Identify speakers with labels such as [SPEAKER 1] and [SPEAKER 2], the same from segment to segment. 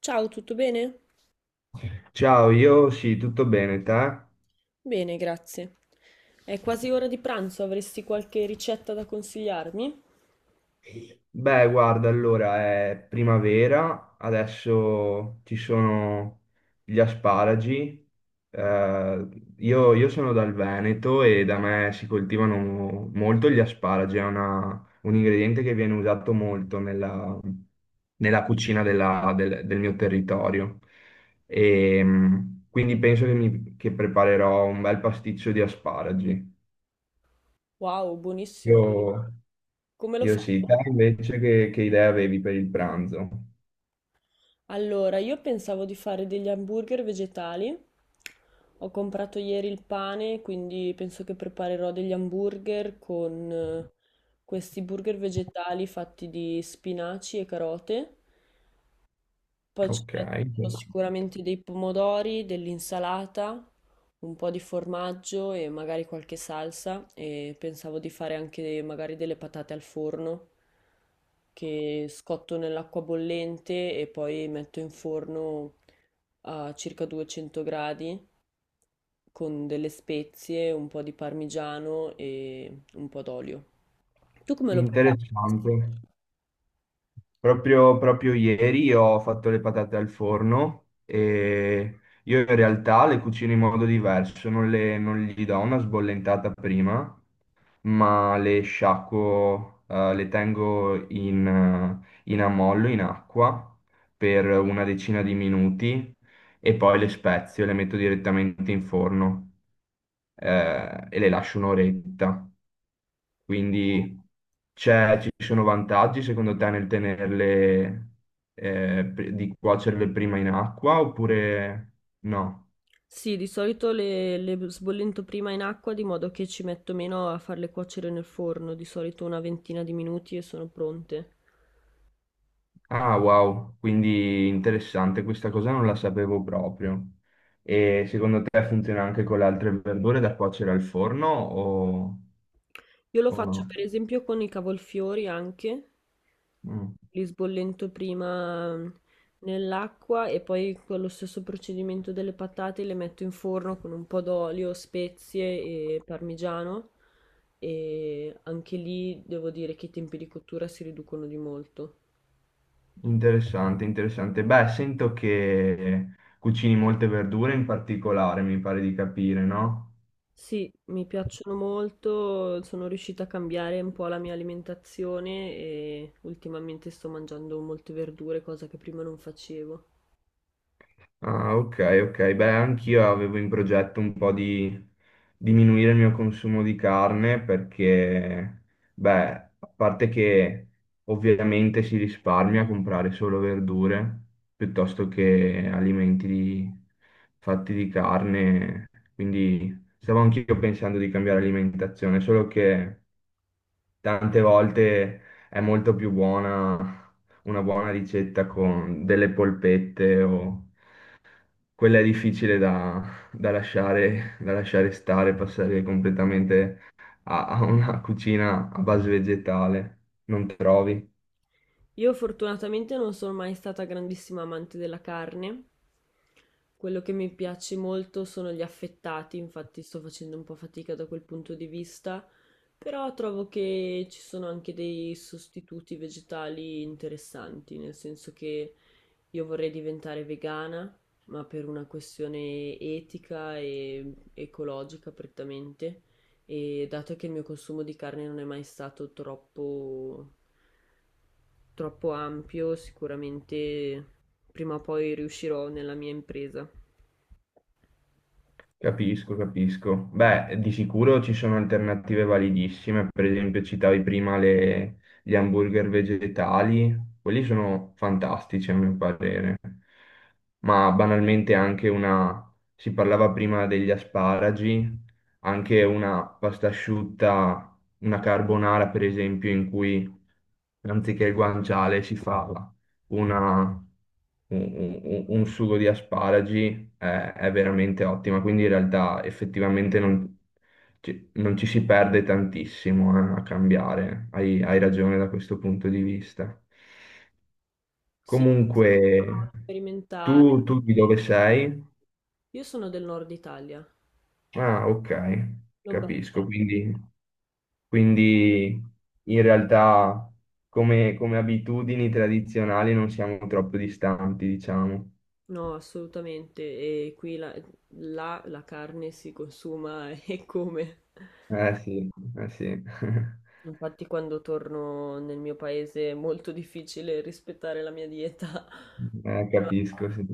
[SPEAKER 1] Ciao, tutto bene?
[SPEAKER 2] Ciao, io sì, tutto bene, te?
[SPEAKER 1] Bene, grazie. È quasi ora di pranzo, avresti qualche ricetta da consigliarmi?
[SPEAKER 2] Beh, guarda, allora è primavera, adesso ci sono gli asparagi. Eh, io sono dal Veneto e da me si coltivano molto gli asparagi, è un ingrediente che viene usato molto nella cucina del mio territorio. E, quindi penso che che preparerò un bel pasticcio di asparagi.
[SPEAKER 1] Wow, buonissimo.
[SPEAKER 2] Io-
[SPEAKER 1] Come lo
[SPEAKER 2] Io
[SPEAKER 1] fai?
[SPEAKER 2] sì, te invece che idea avevi per il pranzo?
[SPEAKER 1] Allora, io pensavo di fare degli hamburger vegetali. Ho comprato ieri il pane, quindi penso che preparerò degli hamburger con questi burger vegetali fatti di spinaci e carote. Poi ci
[SPEAKER 2] Ok,
[SPEAKER 1] metto sicuramente dei pomodori, dell'insalata, un po' di formaggio e magari qualche salsa e pensavo di fare anche magari delle patate al forno che scotto nell'acqua bollente e poi metto in forno a circa 200 gradi con delle spezie, un po' di parmigiano e un po' d'olio. Tu come lo prepari?
[SPEAKER 2] interessante. Proprio ieri ho fatto le patate al forno e io in realtà le cucino in modo diverso, non gli do una sbollentata prima, ma le sciacquo, le tengo in, in ammollo, in acqua, per una decina di minuti e poi le spezio e le metto direttamente in forno. E le lascio un'oretta. Quindi ci sono vantaggi secondo te nel tenerle, di cuocerle prima in acqua oppure no?
[SPEAKER 1] Sì, di solito le sbollento prima in acqua di modo che ci metto meno a farle cuocere nel forno, di solito una ventina di minuti e sono pronte.
[SPEAKER 2] Ah, wow, quindi interessante, questa cosa non la sapevo proprio. E secondo te funziona anche con le altre verdure da cuocere al forno
[SPEAKER 1] Io lo
[SPEAKER 2] o
[SPEAKER 1] faccio
[SPEAKER 2] no?
[SPEAKER 1] per esempio con i cavolfiori anche,
[SPEAKER 2] Mm.
[SPEAKER 1] li sbollento prima nell'acqua e poi con lo stesso procedimento delle patate le metto in forno con un po' d'olio, spezie e parmigiano e anche lì devo dire che i tempi di cottura si riducono di molto.
[SPEAKER 2] Interessante, interessante. Beh, sento che cucini molte verdure in particolare, mi pare di capire, no?
[SPEAKER 1] Sì, mi piacciono molto, sono riuscita a cambiare un po' la mia alimentazione e ultimamente sto mangiando molte verdure, cosa che prima non facevo.
[SPEAKER 2] Ah, ok, ok. Beh, anch'io avevo in progetto un po' di diminuire il mio consumo di carne perché, beh, a parte che ovviamente si risparmia a comprare solo verdure piuttosto che fatti di carne, quindi stavo anch'io pensando di cambiare alimentazione, solo che tante volte è molto più buona una buona ricetta con delle polpette o quella è difficile da lasciare stare, passare completamente a una cucina a base vegetale, non trovi?
[SPEAKER 1] Io fortunatamente non sono mai stata grandissima amante della carne, quello che mi piace molto sono gli affettati, infatti sto facendo un po' fatica da quel punto di vista, però trovo che ci sono anche dei sostituti vegetali interessanti, nel senso che io vorrei diventare vegana, ma per una questione etica e ecologica prettamente, e dato che il mio consumo di carne non è mai stato troppo, troppo ampio, sicuramente prima o poi riuscirò nella mia impresa.
[SPEAKER 2] Capisco, capisco. Beh, di sicuro ci sono alternative validissime, per esempio citavi prima gli hamburger vegetali, quelli sono fantastici a mio parere, ma banalmente anche una, si parlava prima degli asparagi, anche una pasta asciutta, una carbonara per esempio, in cui anziché il guanciale si fa una- un, un sugo di asparagi è veramente ottima, quindi in realtà effettivamente non non ci si perde tantissimo, a cambiare, hai ragione da questo punto di vista.
[SPEAKER 1] Sì,
[SPEAKER 2] Comunque,
[SPEAKER 1] sperimentare.
[SPEAKER 2] tu di dove sei?
[SPEAKER 1] Io sono del nord Italia,
[SPEAKER 2] Ah, ok, capisco,
[SPEAKER 1] Lombardia.
[SPEAKER 2] quindi in realtà come abitudini tradizionali non siamo troppo distanti, diciamo.
[SPEAKER 1] No, assolutamente, e qui là la carne si consuma e come.
[SPEAKER 2] Eh sì, eh sì,
[SPEAKER 1] Infatti quando torno nel mio paese è molto difficile rispettare la mia dieta, però
[SPEAKER 2] Capisco, sì.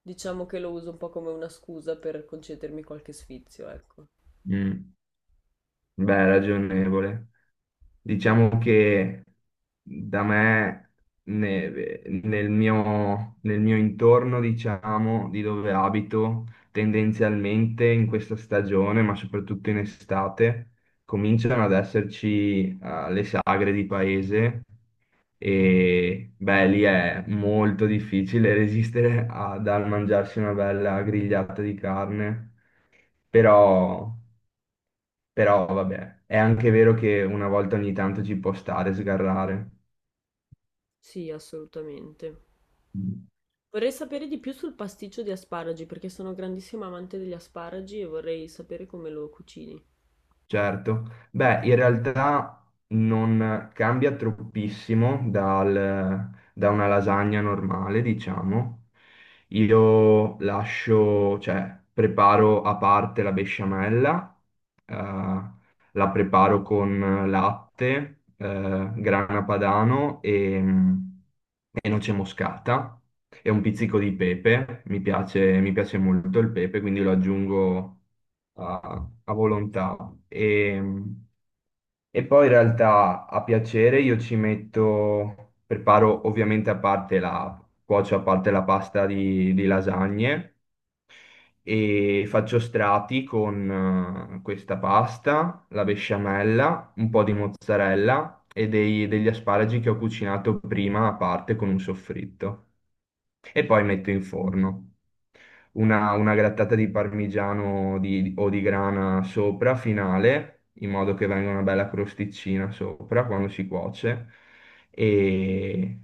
[SPEAKER 1] diciamo che lo uso un po' come una scusa per concedermi qualche sfizio, ecco.
[SPEAKER 2] Mm. Beh, ragionevole. Diciamo che da me, nel mio intorno, diciamo, di dove abito, tendenzialmente in questa stagione, ma soprattutto in estate, cominciano ad esserci, le sagre di paese. E beh, lì è molto difficile resistere a, dal mangiarsi una bella grigliata di carne, però, però vabbè, è anche vero che una volta ogni tanto ci può stare sgarrare.
[SPEAKER 1] Sì, assolutamente. Vorrei sapere di più sul pasticcio di asparagi, perché sono grandissima amante degli asparagi e vorrei sapere come lo cucini.
[SPEAKER 2] Certo, beh, in realtà non cambia troppissimo da una lasagna normale, diciamo. Io lascio, cioè, preparo a parte la besciamella, eh, la preparo con latte, grana padano e noce moscata e un pizzico di pepe. Mi piace molto il pepe, quindi lo aggiungo a volontà. E, e poi in realtà a piacere io ci metto, preparo ovviamente a parte la, cuocio a parte la pasta di lasagne e faccio strati con questa pasta, la besciamella, un po' di mozzarella e degli asparagi che ho cucinato prima a parte con un soffritto e poi metto in forno una grattata di parmigiano o di grana sopra, finale, in modo che venga una bella crosticina sopra quando si cuoce e,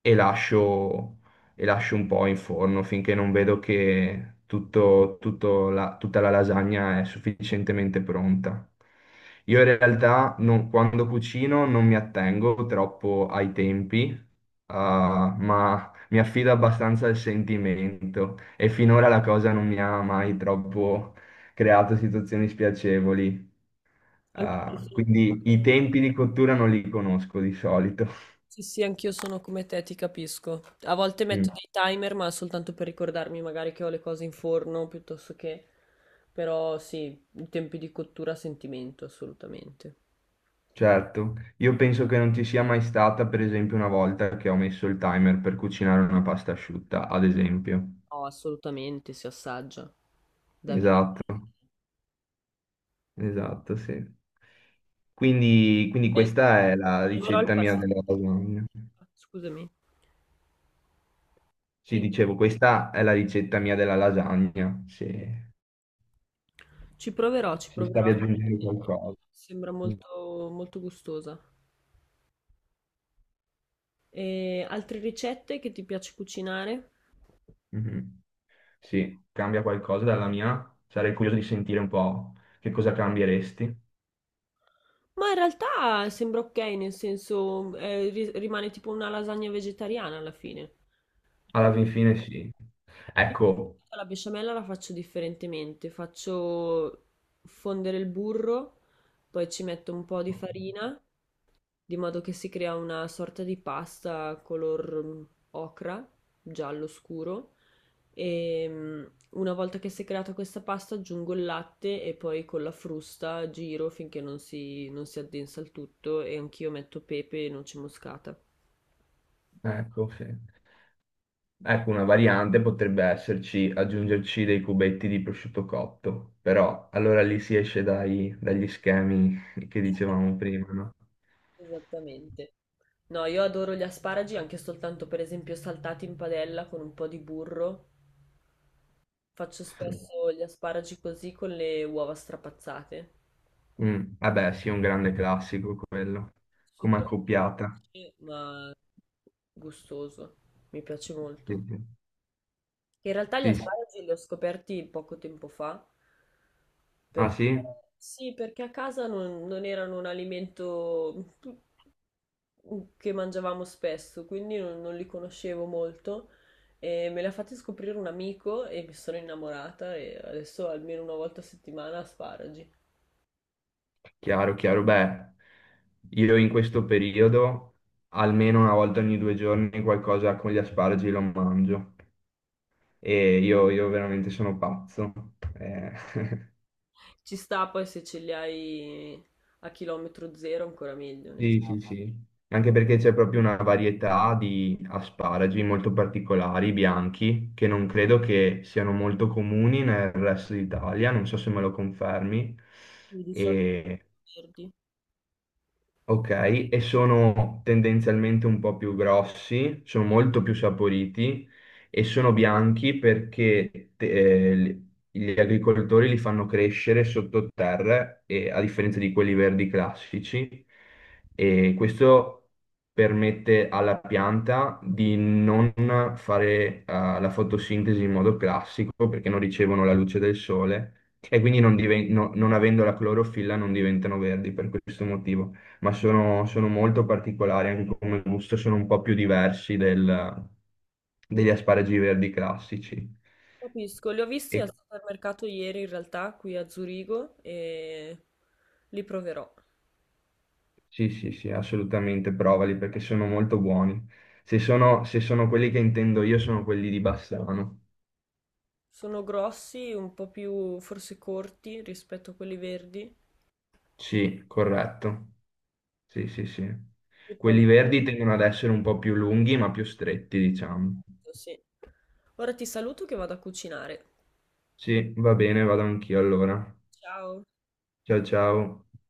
[SPEAKER 2] e lascio, e lascio un po' in forno finché non vedo che tutto, tutta la lasagna è sufficientemente pronta. Io in realtà quando cucino non mi attengo troppo ai tempi, ah, ma mi affido abbastanza al sentimento e finora la cosa non mi ha mai troppo creato situazioni spiacevoli.
[SPEAKER 1] Anche io
[SPEAKER 2] Ah,
[SPEAKER 1] sono
[SPEAKER 2] quindi i tempi di cottura non li conosco di solito.
[SPEAKER 1] Sì, sì, anch'io sono come te, ti capisco. A volte metto
[SPEAKER 2] Mm,
[SPEAKER 1] dei timer, ma soltanto per ricordarmi magari che ho le cose in forno, piuttosto che... Però sì, i tempi di cottura a sentimento, assolutamente.
[SPEAKER 2] certo, io penso che non ci sia mai stata, per esempio, una volta che ho messo il timer per cucinare una pasta asciutta, ad esempio.
[SPEAKER 1] No, assolutamente, si assaggia. Davvero.
[SPEAKER 2] Esatto, esatto, sì. Quindi
[SPEAKER 1] Eh,
[SPEAKER 2] questa è la
[SPEAKER 1] Ci proverò il
[SPEAKER 2] ricetta mia
[SPEAKER 1] pastello,
[SPEAKER 2] della lasagna.
[SPEAKER 1] scusami.
[SPEAKER 2] Sì,
[SPEAKER 1] Dimmi.
[SPEAKER 2] dicevo, questa è la ricetta mia della lasagna,
[SPEAKER 1] Ci proverò, ci
[SPEAKER 2] se
[SPEAKER 1] proverò.
[SPEAKER 2] stavi aggiungendo
[SPEAKER 1] eh,
[SPEAKER 2] qualcosa.
[SPEAKER 1] Sembra molto, molto gustosa. E altre ricette che ti piace cucinare?
[SPEAKER 2] Mhm. Sì, cambia qualcosa dalla mia? Sarei curioso di sentire un po' che cosa cambieresti.
[SPEAKER 1] Ma in realtà sembra ok, nel senso, rimane tipo una lasagna vegetariana alla fine. Con-
[SPEAKER 2] Alla fin fine sì. Ecco,
[SPEAKER 1] La besciamella la faccio differentemente, faccio fondere il burro, poi ci metto un po' di farina, di modo che si crea una sorta di pasta color ocra, giallo scuro. E una volta che si è creata questa pasta aggiungo il latte e poi con la frusta giro finché non si addensa il tutto e anch'io metto pepe e noce moscata.
[SPEAKER 2] ecco, sì. Ecco, una variante potrebbe esserci aggiungerci dei cubetti di prosciutto cotto, però allora lì si esce dagli schemi che dicevamo prima, no?
[SPEAKER 1] Esattamente. No, io adoro gli asparagi anche soltanto per esempio saltati in padella con un po' di burro. Faccio
[SPEAKER 2] Sì.
[SPEAKER 1] spesso gli asparagi così con le uova strapazzate.
[SPEAKER 2] Mm, vabbè, sì, un grande classico quello, come
[SPEAKER 1] Super
[SPEAKER 2] accoppiata.
[SPEAKER 1] semplice, ma gustoso. Mi piace
[SPEAKER 2] Sì,
[SPEAKER 1] molto.
[SPEAKER 2] sì.
[SPEAKER 1] Che In realtà gli
[SPEAKER 2] Sì, sì.
[SPEAKER 1] asparagi li ho scoperti poco tempo fa,
[SPEAKER 2] Ah
[SPEAKER 1] perché
[SPEAKER 2] sì?
[SPEAKER 1] sì, perché a casa non erano un alimento che mangiavamo spesso, quindi non li conoscevo molto. E me li ha fatti scoprire un amico e mi sono innamorata e adesso almeno una volta a settimana asparagi.
[SPEAKER 2] Chiaro, chiaro. Beh, io in questo periodo almeno una volta ogni due giorni qualcosa con gli asparagi lo mangio io veramente sono pazzo. Eh,
[SPEAKER 1] Ci sta poi se ce li hai a chilometro zero ancora meglio, nel
[SPEAKER 2] Sì, sì,
[SPEAKER 1] senso,
[SPEAKER 2] sì. Anche perché c'è proprio una varietà di asparagi molto particolari, bianchi, che non credo che siano molto comuni nel resto d'Italia, non so se me lo confermi.
[SPEAKER 1] di solito
[SPEAKER 2] E
[SPEAKER 1] verdi.
[SPEAKER 2] ok, e sono tendenzialmente un po' più grossi, sono molto più saporiti e sono bianchi perché gli agricoltori li fanno crescere sottoterra, e, a differenza di quelli verdi classici, e questo permette alla pianta di non fare la fotosintesi in modo classico perché non ricevono la luce del sole e quindi non diven- no- non avendo la clorofilla non diventano verdi per questo motivo ma sono molto particolari, anche come gusto sono un po' più diversi degli asparagi verdi classici.
[SPEAKER 1] Capisco, li ho visti
[SPEAKER 2] E-
[SPEAKER 1] al supermercato ieri in realtà qui a Zurigo e li proverò.
[SPEAKER 2] sì, sì, sì, assolutamente, provali perché sono molto buoni. Se sono quelli che intendo io, sono quelli di Bassano.
[SPEAKER 1] Sono grossi, un po' più forse corti rispetto a quelli verdi.
[SPEAKER 2] Sì, corretto. Sì, sì, sì.
[SPEAKER 1] Li
[SPEAKER 2] Quelli
[SPEAKER 1] proverò,
[SPEAKER 2] verdi tendono ad essere un po' più lunghi, ma più stretti, diciamo.
[SPEAKER 1] sì. Ora ti saluto che vado a cucinare.
[SPEAKER 2] Sì, va bene, vado anch'io allora.
[SPEAKER 1] Ciao.
[SPEAKER 2] Ciao, ciao.